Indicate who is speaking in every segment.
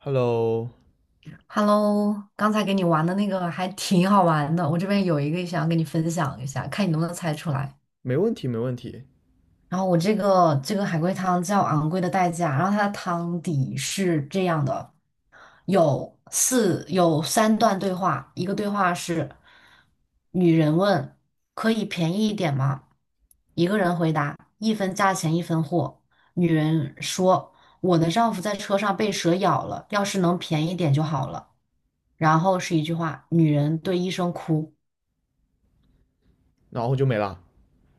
Speaker 1: Hello,
Speaker 2: Hello，刚才给你玩的那个还挺好玩的，我这边有一个想要跟你分享一下，看你能不能猜出来。
Speaker 1: 没问题，没问题。
Speaker 2: 然后我这个海龟汤叫《昂贵的代价》，然后它的汤底是这样的：有三段对话，一个对话是女人问可以便宜一点吗？一个人回答一分价钱一分货。女人说我的丈夫在车上被蛇咬了，要是能便宜点就好了。然后是一句话：女人对医生哭，
Speaker 1: 然后就没了。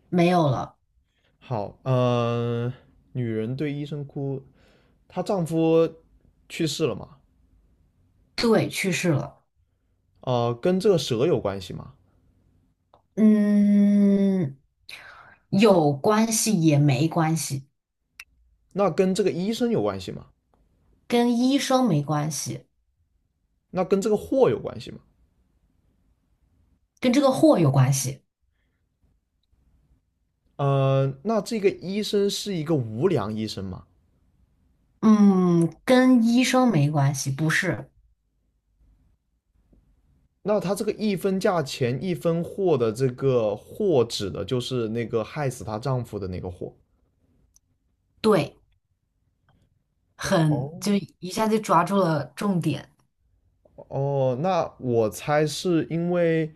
Speaker 2: 没有了，
Speaker 1: 好，女人对医生哭，她丈夫去世了嘛？
Speaker 2: 对，去世了。
Speaker 1: 跟这个蛇有关系吗？
Speaker 2: 嗯，有关系也没关系，
Speaker 1: 那跟这个医生有关系吗？
Speaker 2: 跟医生没关系，
Speaker 1: 那跟这个货有关系吗？
Speaker 2: 跟这个货有关系。
Speaker 1: 那这个医生是一个无良医生吗？
Speaker 2: 嗯，跟医生没关系，不是。
Speaker 1: 那他这个一分价钱一分货的这个货指的就是那个害死她丈夫的那个货。
Speaker 2: 对，很，
Speaker 1: 哦，
Speaker 2: 就一下就抓住了重点，
Speaker 1: 哦，那我猜是因为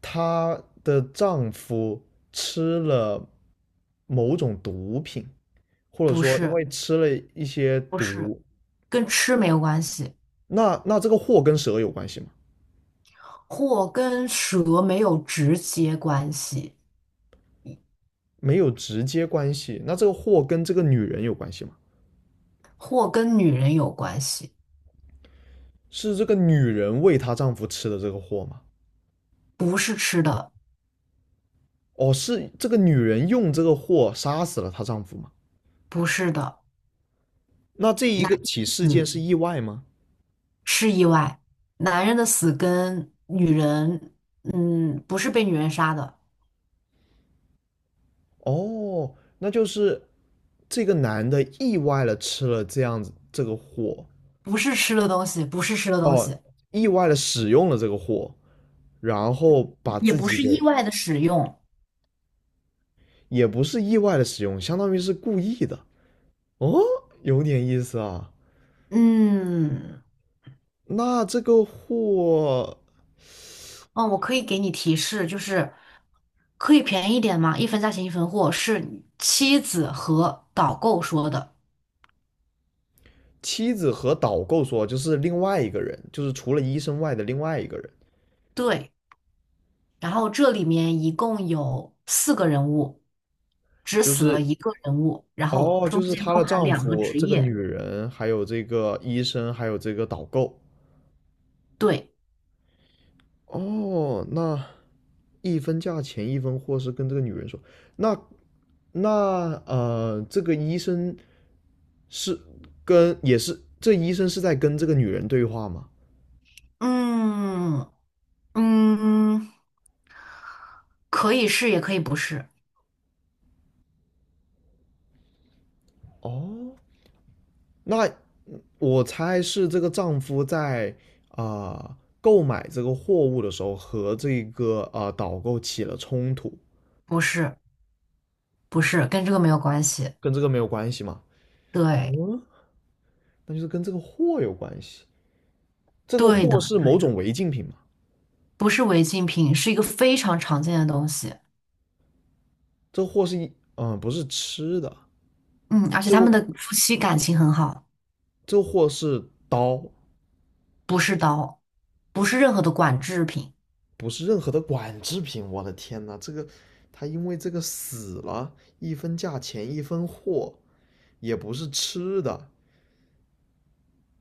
Speaker 1: 她的丈夫吃了某种毒品，或者
Speaker 2: 不
Speaker 1: 说因
Speaker 2: 是，
Speaker 1: 为吃了一些
Speaker 2: 不是，
Speaker 1: 毒，
Speaker 2: 跟吃没有关系，
Speaker 1: 那这个祸跟蛇有关系吗？
Speaker 2: 或跟蛇没有直接关系，
Speaker 1: 没有直接关系，那这个祸跟这个女人有关系吗？
Speaker 2: 或跟女人有关系，
Speaker 1: 是这个女人喂她丈夫吃的这个祸吗？
Speaker 2: 不是吃的。
Speaker 1: 哦，是这个女人用这个祸杀死了她丈夫吗？
Speaker 2: 不是的，
Speaker 1: 那这一
Speaker 2: 男
Speaker 1: 个起事件
Speaker 2: 子
Speaker 1: 是意外吗？
Speaker 2: 是意外，男人的死跟女人，嗯，不是被女人杀的，
Speaker 1: 哦，那就是这个男的意外了吃了这样子这个货，
Speaker 2: 不是吃的东西，不是吃的东
Speaker 1: 哦，
Speaker 2: 西，
Speaker 1: 意外的使用了这个货，然后把
Speaker 2: 也
Speaker 1: 自
Speaker 2: 不
Speaker 1: 己
Speaker 2: 是
Speaker 1: 给，
Speaker 2: 意外的使用。
Speaker 1: 也不是意外的使用，相当于是故意的。哦，有点意思啊。
Speaker 2: 嗯，
Speaker 1: 那这个货，
Speaker 2: 哦，我可以给你提示，就是可以便宜一点吗？一分价钱一分货，是妻子和导购说的。
Speaker 1: 妻子和导购说，就是另外一个人，就是除了医生外的另外一个人，
Speaker 2: 对，然后这里面一共有四个人物，只
Speaker 1: 就
Speaker 2: 死
Speaker 1: 是
Speaker 2: 了一个人物，然后
Speaker 1: 哦，就
Speaker 2: 中
Speaker 1: 是
Speaker 2: 间
Speaker 1: 她
Speaker 2: 包
Speaker 1: 的
Speaker 2: 含
Speaker 1: 丈
Speaker 2: 两个
Speaker 1: 夫，
Speaker 2: 职
Speaker 1: 这个女
Speaker 2: 业。
Speaker 1: 人，还有这个医生，还有这个导购。
Speaker 2: 对。
Speaker 1: 哦，那一分价钱一分货是跟这个女人说，那那这个医生是跟也是这医生是在跟这个女人对话吗？
Speaker 2: 嗯嗯，可以是，也可以不是，
Speaker 1: 哦，那我猜是这个丈夫在啊、呃购买这个货物的时候和这个导购起了冲突，
Speaker 2: 不是，不是，跟这个没有关系。
Speaker 1: 跟这个没有关系嘛？
Speaker 2: 对，
Speaker 1: 那就是跟这个货有关系。这个
Speaker 2: 对的，
Speaker 1: 货是某种违禁品嘛？
Speaker 2: 不是违禁品，是一个非常常见的东西。
Speaker 1: 这个货是一不是吃的。
Speaker 2: 嗯，而且
Speaker 1: 这
Speaker 2: 他
Speaker 1: 个
Speaker 2: 们的夫妻感情很好，
Speaker 1: 这个货是刀，
Speaker 2: 不是刀，不是任何的管制品。
Speaker 1: 不是任何的管制品。我的天呐，这个他因为这个死了，一分价钱一分货，也不是吃的。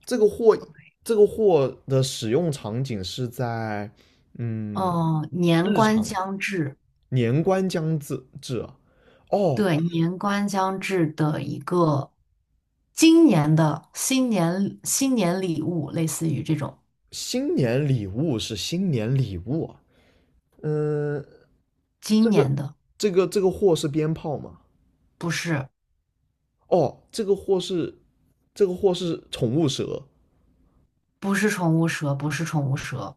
Speaker 1: 这个货这个货的使用场景是在嗯
Speaker 2: 哦、年
Speaker 1: 日
Speaker 2: 关
Speaker 1: 常
Speaker 2: 将至，
Speaker 1: 年关将至啊，哦，
Speaker 2: 对，年关将至的一个今年的新年礼物，类似于这种
Speaker 1: 新年礼物是新年礼物啊。嗯，这
Speaker 2: 今
Speaker 1: 个
Speaker 2: 年的，
Speaker 1: 这个货是鞭炮吗？
Speaker 2: 不是。
Speaker 1: 哦，这个货是这个货是宠物蛇，
Speaker 2: 不是宠物蛇，不是宠物蛇，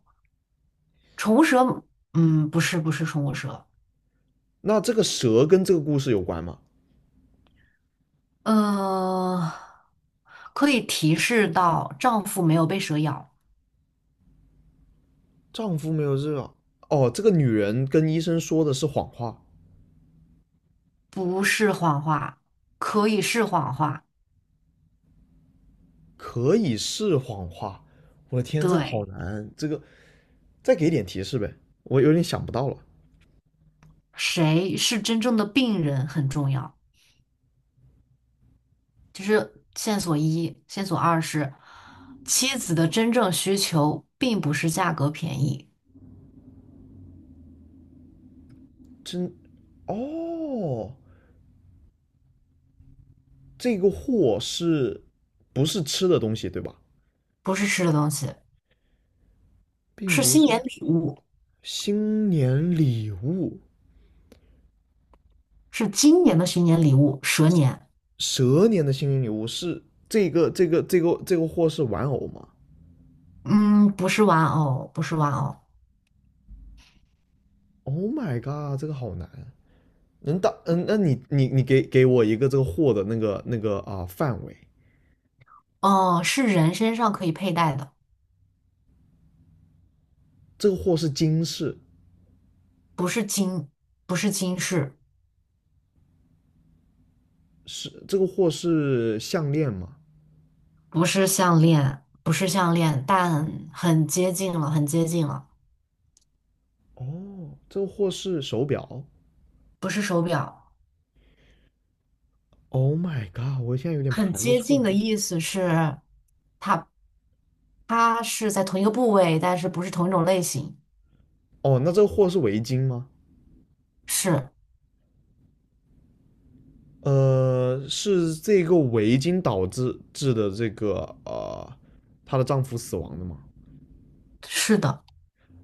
Speaker 2: 宠物蛇，嗯，不是，不是宠物蛇，
Speaker 1: 那这个蛇跟这个故事有关吗？
Speaker 2: 呃，可以提示到丈夫没有被蛇咬，
Speaker 1: 丈夫没有热，哦，这个女人跟医生说的是谎话，
Speaker 2: 不是谎话，可以是谎话，
Speaker 1: 可以是谎话。我的天，这个好
Speaker 2: 对，
Speaker 1: 难，这个再给点提示呗，我有点想不到了。
Speaker 2: 谁是真正的病人很重要，就是线索一，线索二是妻子的真正需求并不是价格便宜，
Speaker 1: 真，哦，这个货是不是吃的东西对吧？
Speaker 2: 不是吃的东西，
Speaker 1: 并
Speaker 2: 是
Speaker 1: 不
Speaker 2: 新年
Speaker 1: 是
Speaker 2: 礼物，
Speaker 1: 新年礼物，
Speaker 2: 是今年的新年礼物，蛇年。
Speaker 1: 蛇年的幸运礼物是这个货是玩偶吗
Speaker 2: 嗯，不是玩偶，不是玩偶，
Speaker 1: ？Oh my god,这个好难。能当嗯，那你给我一个这个货的那个范围，
Speaker 2: 哦，是人身上可以佩戴的，
Speaker 1: 这个货是金饰，
Speaker 2: 不是金，不是金饰，
Speaker 1: 是这个货是项链吗？
Speaker 2: 不是项链，不是项链，但很接近了，很接近了，
Speaker 1: 哦，这个货是手表。
Speaker 2: 不是手表，
Speaker 1: Oh my god,我现在有点
Speaker 2: 很
Speaker 1: 排不
Speaker 2: 接
Speaker 1: 出来。
Speaker 2: 近的意思是它它是在同一个部位，但是不是同一种类型，
Speaker 1: 哦，那这个货是围巾吗？
Speaker 2: 是
Speaker 1: 呃，是这个围巾导致的这个呃，她的丈夫死亡的吗？
Speaker 2: 是的，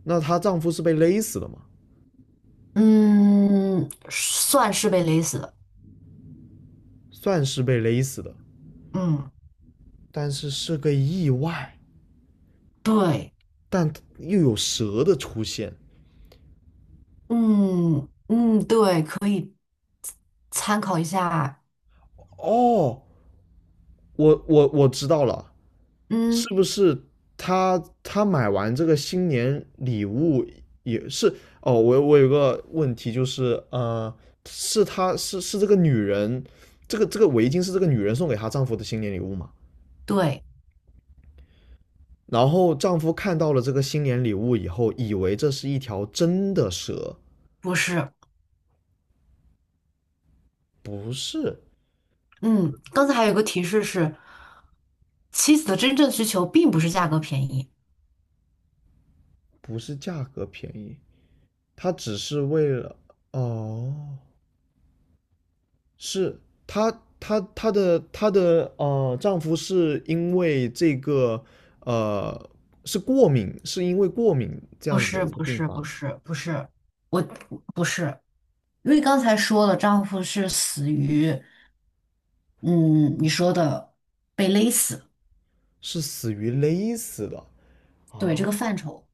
Speaker 1: 那她丈夫是被勒死的嘛？
Speaker 2: 嗯，算是被勒死的，
Speaker 1: 算是被勒死的，
Speaker 2: 嗯，
Speaker 1: 但是是个意外，
Speaker 2: 对，
Speaker 1: 但又有蛇的出现。
Speaker 2: 嗯嗯，对，可以参考一下，
Speaker 1: 哦，我知道了，是
Speaker 2: 嗯，
Speaker 1: 不是她买完这个新年礼物也是？哦，我有个问题就是，是她是是这个女人，这个围巾是这个女人送给她丈夫的新年礼物吗？
Speaker 2: 对，
Speaker 1: 然后丈夫看到了这个新年礼物以后，以为这是一条真的蛇，
Speaker 2: 不是。
Speaker 1: 不是，
Speaker 2: 嗯，刚才还有一个提示是，妻子的真正需求并不是价格便宜，
Speaker 1: 不是价格便宜，她只是为了哦，是她的丈夫是因为这个呃是过敏，是因为过敏这
Speaker 2: 不
Speaker 1: 样子的
Speaker 2: 是，
Speaker 1: 一个
Speaker 2: 不
Speaker 1: 病
Speaker 2: 是，
Speaker 1: 发，
Speaker 2: 不是，不是，我不是，因为刚才说了，丈夫是死于，嗯，你说的被勒死，
Speaker 1: 是死于勒死的。
Speaker 2: 对，这
Speaker 1: 啊，
Speaker 2: 个范畴，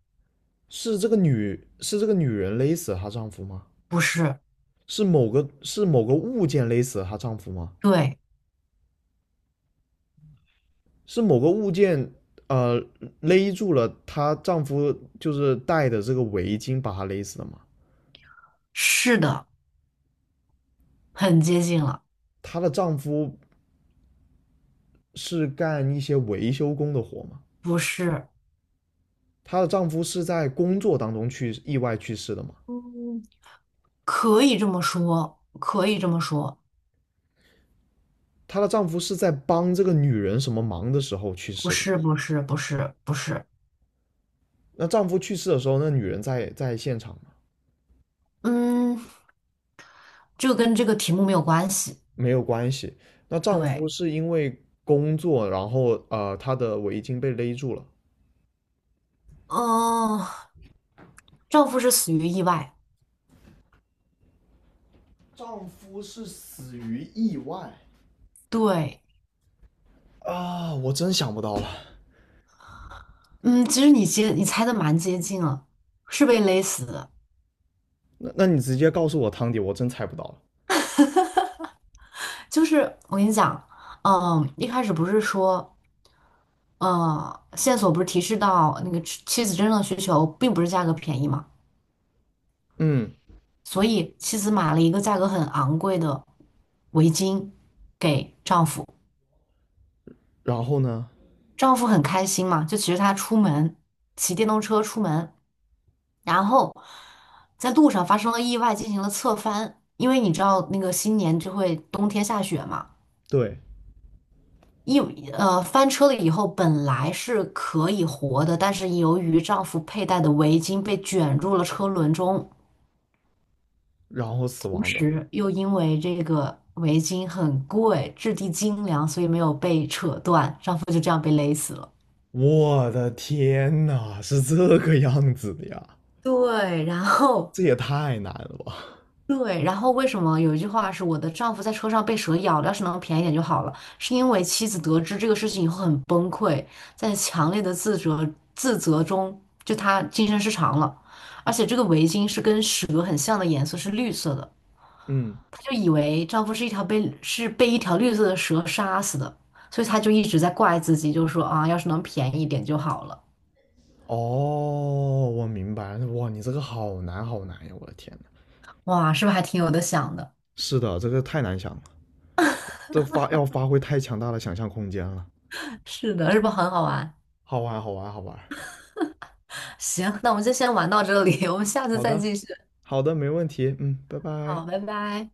Speaker 1: 是这个女人勒死她丈夫吗？
Speaker 2: 不是，
Speaker 1: 是某个物件勒死了她丈夫吗？
Speaker 2: 对，
Speaker 1: 是某个物件呃勒住了她丈夫就是戴的这个围巾把她勒死的吗？
Speaker 2: 是的，很接近了，
Speaker 1: 她的丈夫是干一些维修工的活吗？
Speaker 2: 不是，
Speaker 1: 她的丈夫是在工作当中去意外去世的吗？
Speaker 2: 嗯，可以这么说，可以这么说，
Speaker 1: 她的丈夫是在帮这个女人什么忙的时候去
Speaker 2: 不
Speaker 1: 世的？
Speaker 2: 是，不是，不是，不是，
Speaker 1: 那丈夫去世的时候，那女人在现场吗？
Speaker 2: 嗯，这个跟这个题目没有关系，
Speaker 1: 没有关系。那丈夫
Speaker 2: 对。
Speaker 1: 是因为工作，然后她的围巾被勒住了。
Speaker 2: 嗯，丈夫是死于意外。
Speaker 1: 丈夫是死于意外，
Speaker 2: 对，
Speaker 1: 啊，我真想不到了。
Speaker 2: 嗯，其实你猜的蛮接近了，是被勒死的。
Speaker 1: 那你直接告诉我汤底，我真猜不到了。
Speaker 2: 就是我跟你讲，嗯，一开始不是说，嗯，线索不是提示到那个妻子真正的需求并不是价格便宜嘛，
Speaker 1: 嗯，
Speaker 2: 所以妻子买了一个价格很昂贵的围巾给丈夫，
Speaker 1: 然后呢？
Speaker 2: 丈夫很开心嘛，就骑着他出门，骑电动车出门。然后在路上发生了意外，进行了侧翻。因为你知道那个新年就会冬天下雪嘛，
Speaker 1: 对，
Speaker 2: 一翻车了以后本来是可以活的，但是由于丈夫佩戴的围巾被卷入了车轮中，
Speaker 1: 然后死
Speaker 2: 同
Speaker 1: 亡的。
Speaker 2: 时又因为这个围巾很贵，质地精良，所以没有被扯断，丈夫就这样被勒死了。
Speaker 1: 我的天呐，是这个样子的呀，
Speaker 2: 对，然后。
Speaker 1: 这也太难了吧？
Speaker 2: 对，然后为什么有一句话是我的丈夫在车上被蛇咬了，要是能便宜点就好了？是因为妻子得知这个事情以后很崩溃，在强烈的自责中，就她精神失常了。而且这个围巾是跟蛇很像的颜色，是绿色的，
Speaker 1: 嗯，
Speaker 2: 她就以为丈夫是一条被是被一条绿色的蛇杀死的，所以她就一直在怪自己，就说啊，要是能便宜一点就好了。
Speaker 1: 哦，我明白了，哇，你这个好难好难呀，我的天呐，
Speaker 2: 哇，是不是还挺有的想的？
Speaker 1: 是的，这个太难想了，这发要发挥太强大的想象空间了。
Speaker 2: 是的，是不是很好玩？
Speaker 1: 好玩，好玩，好玩。
Speaker 2: 行，那我们就先玩到这里，我们下次
Speaker 1: 好
Speaker 2: 再
Speaker 1: 的，
Speaker 2: 继续。
Speaker 1: 好的，没问题。嗯，拜拜。
Speaker 2: 好，拜拜。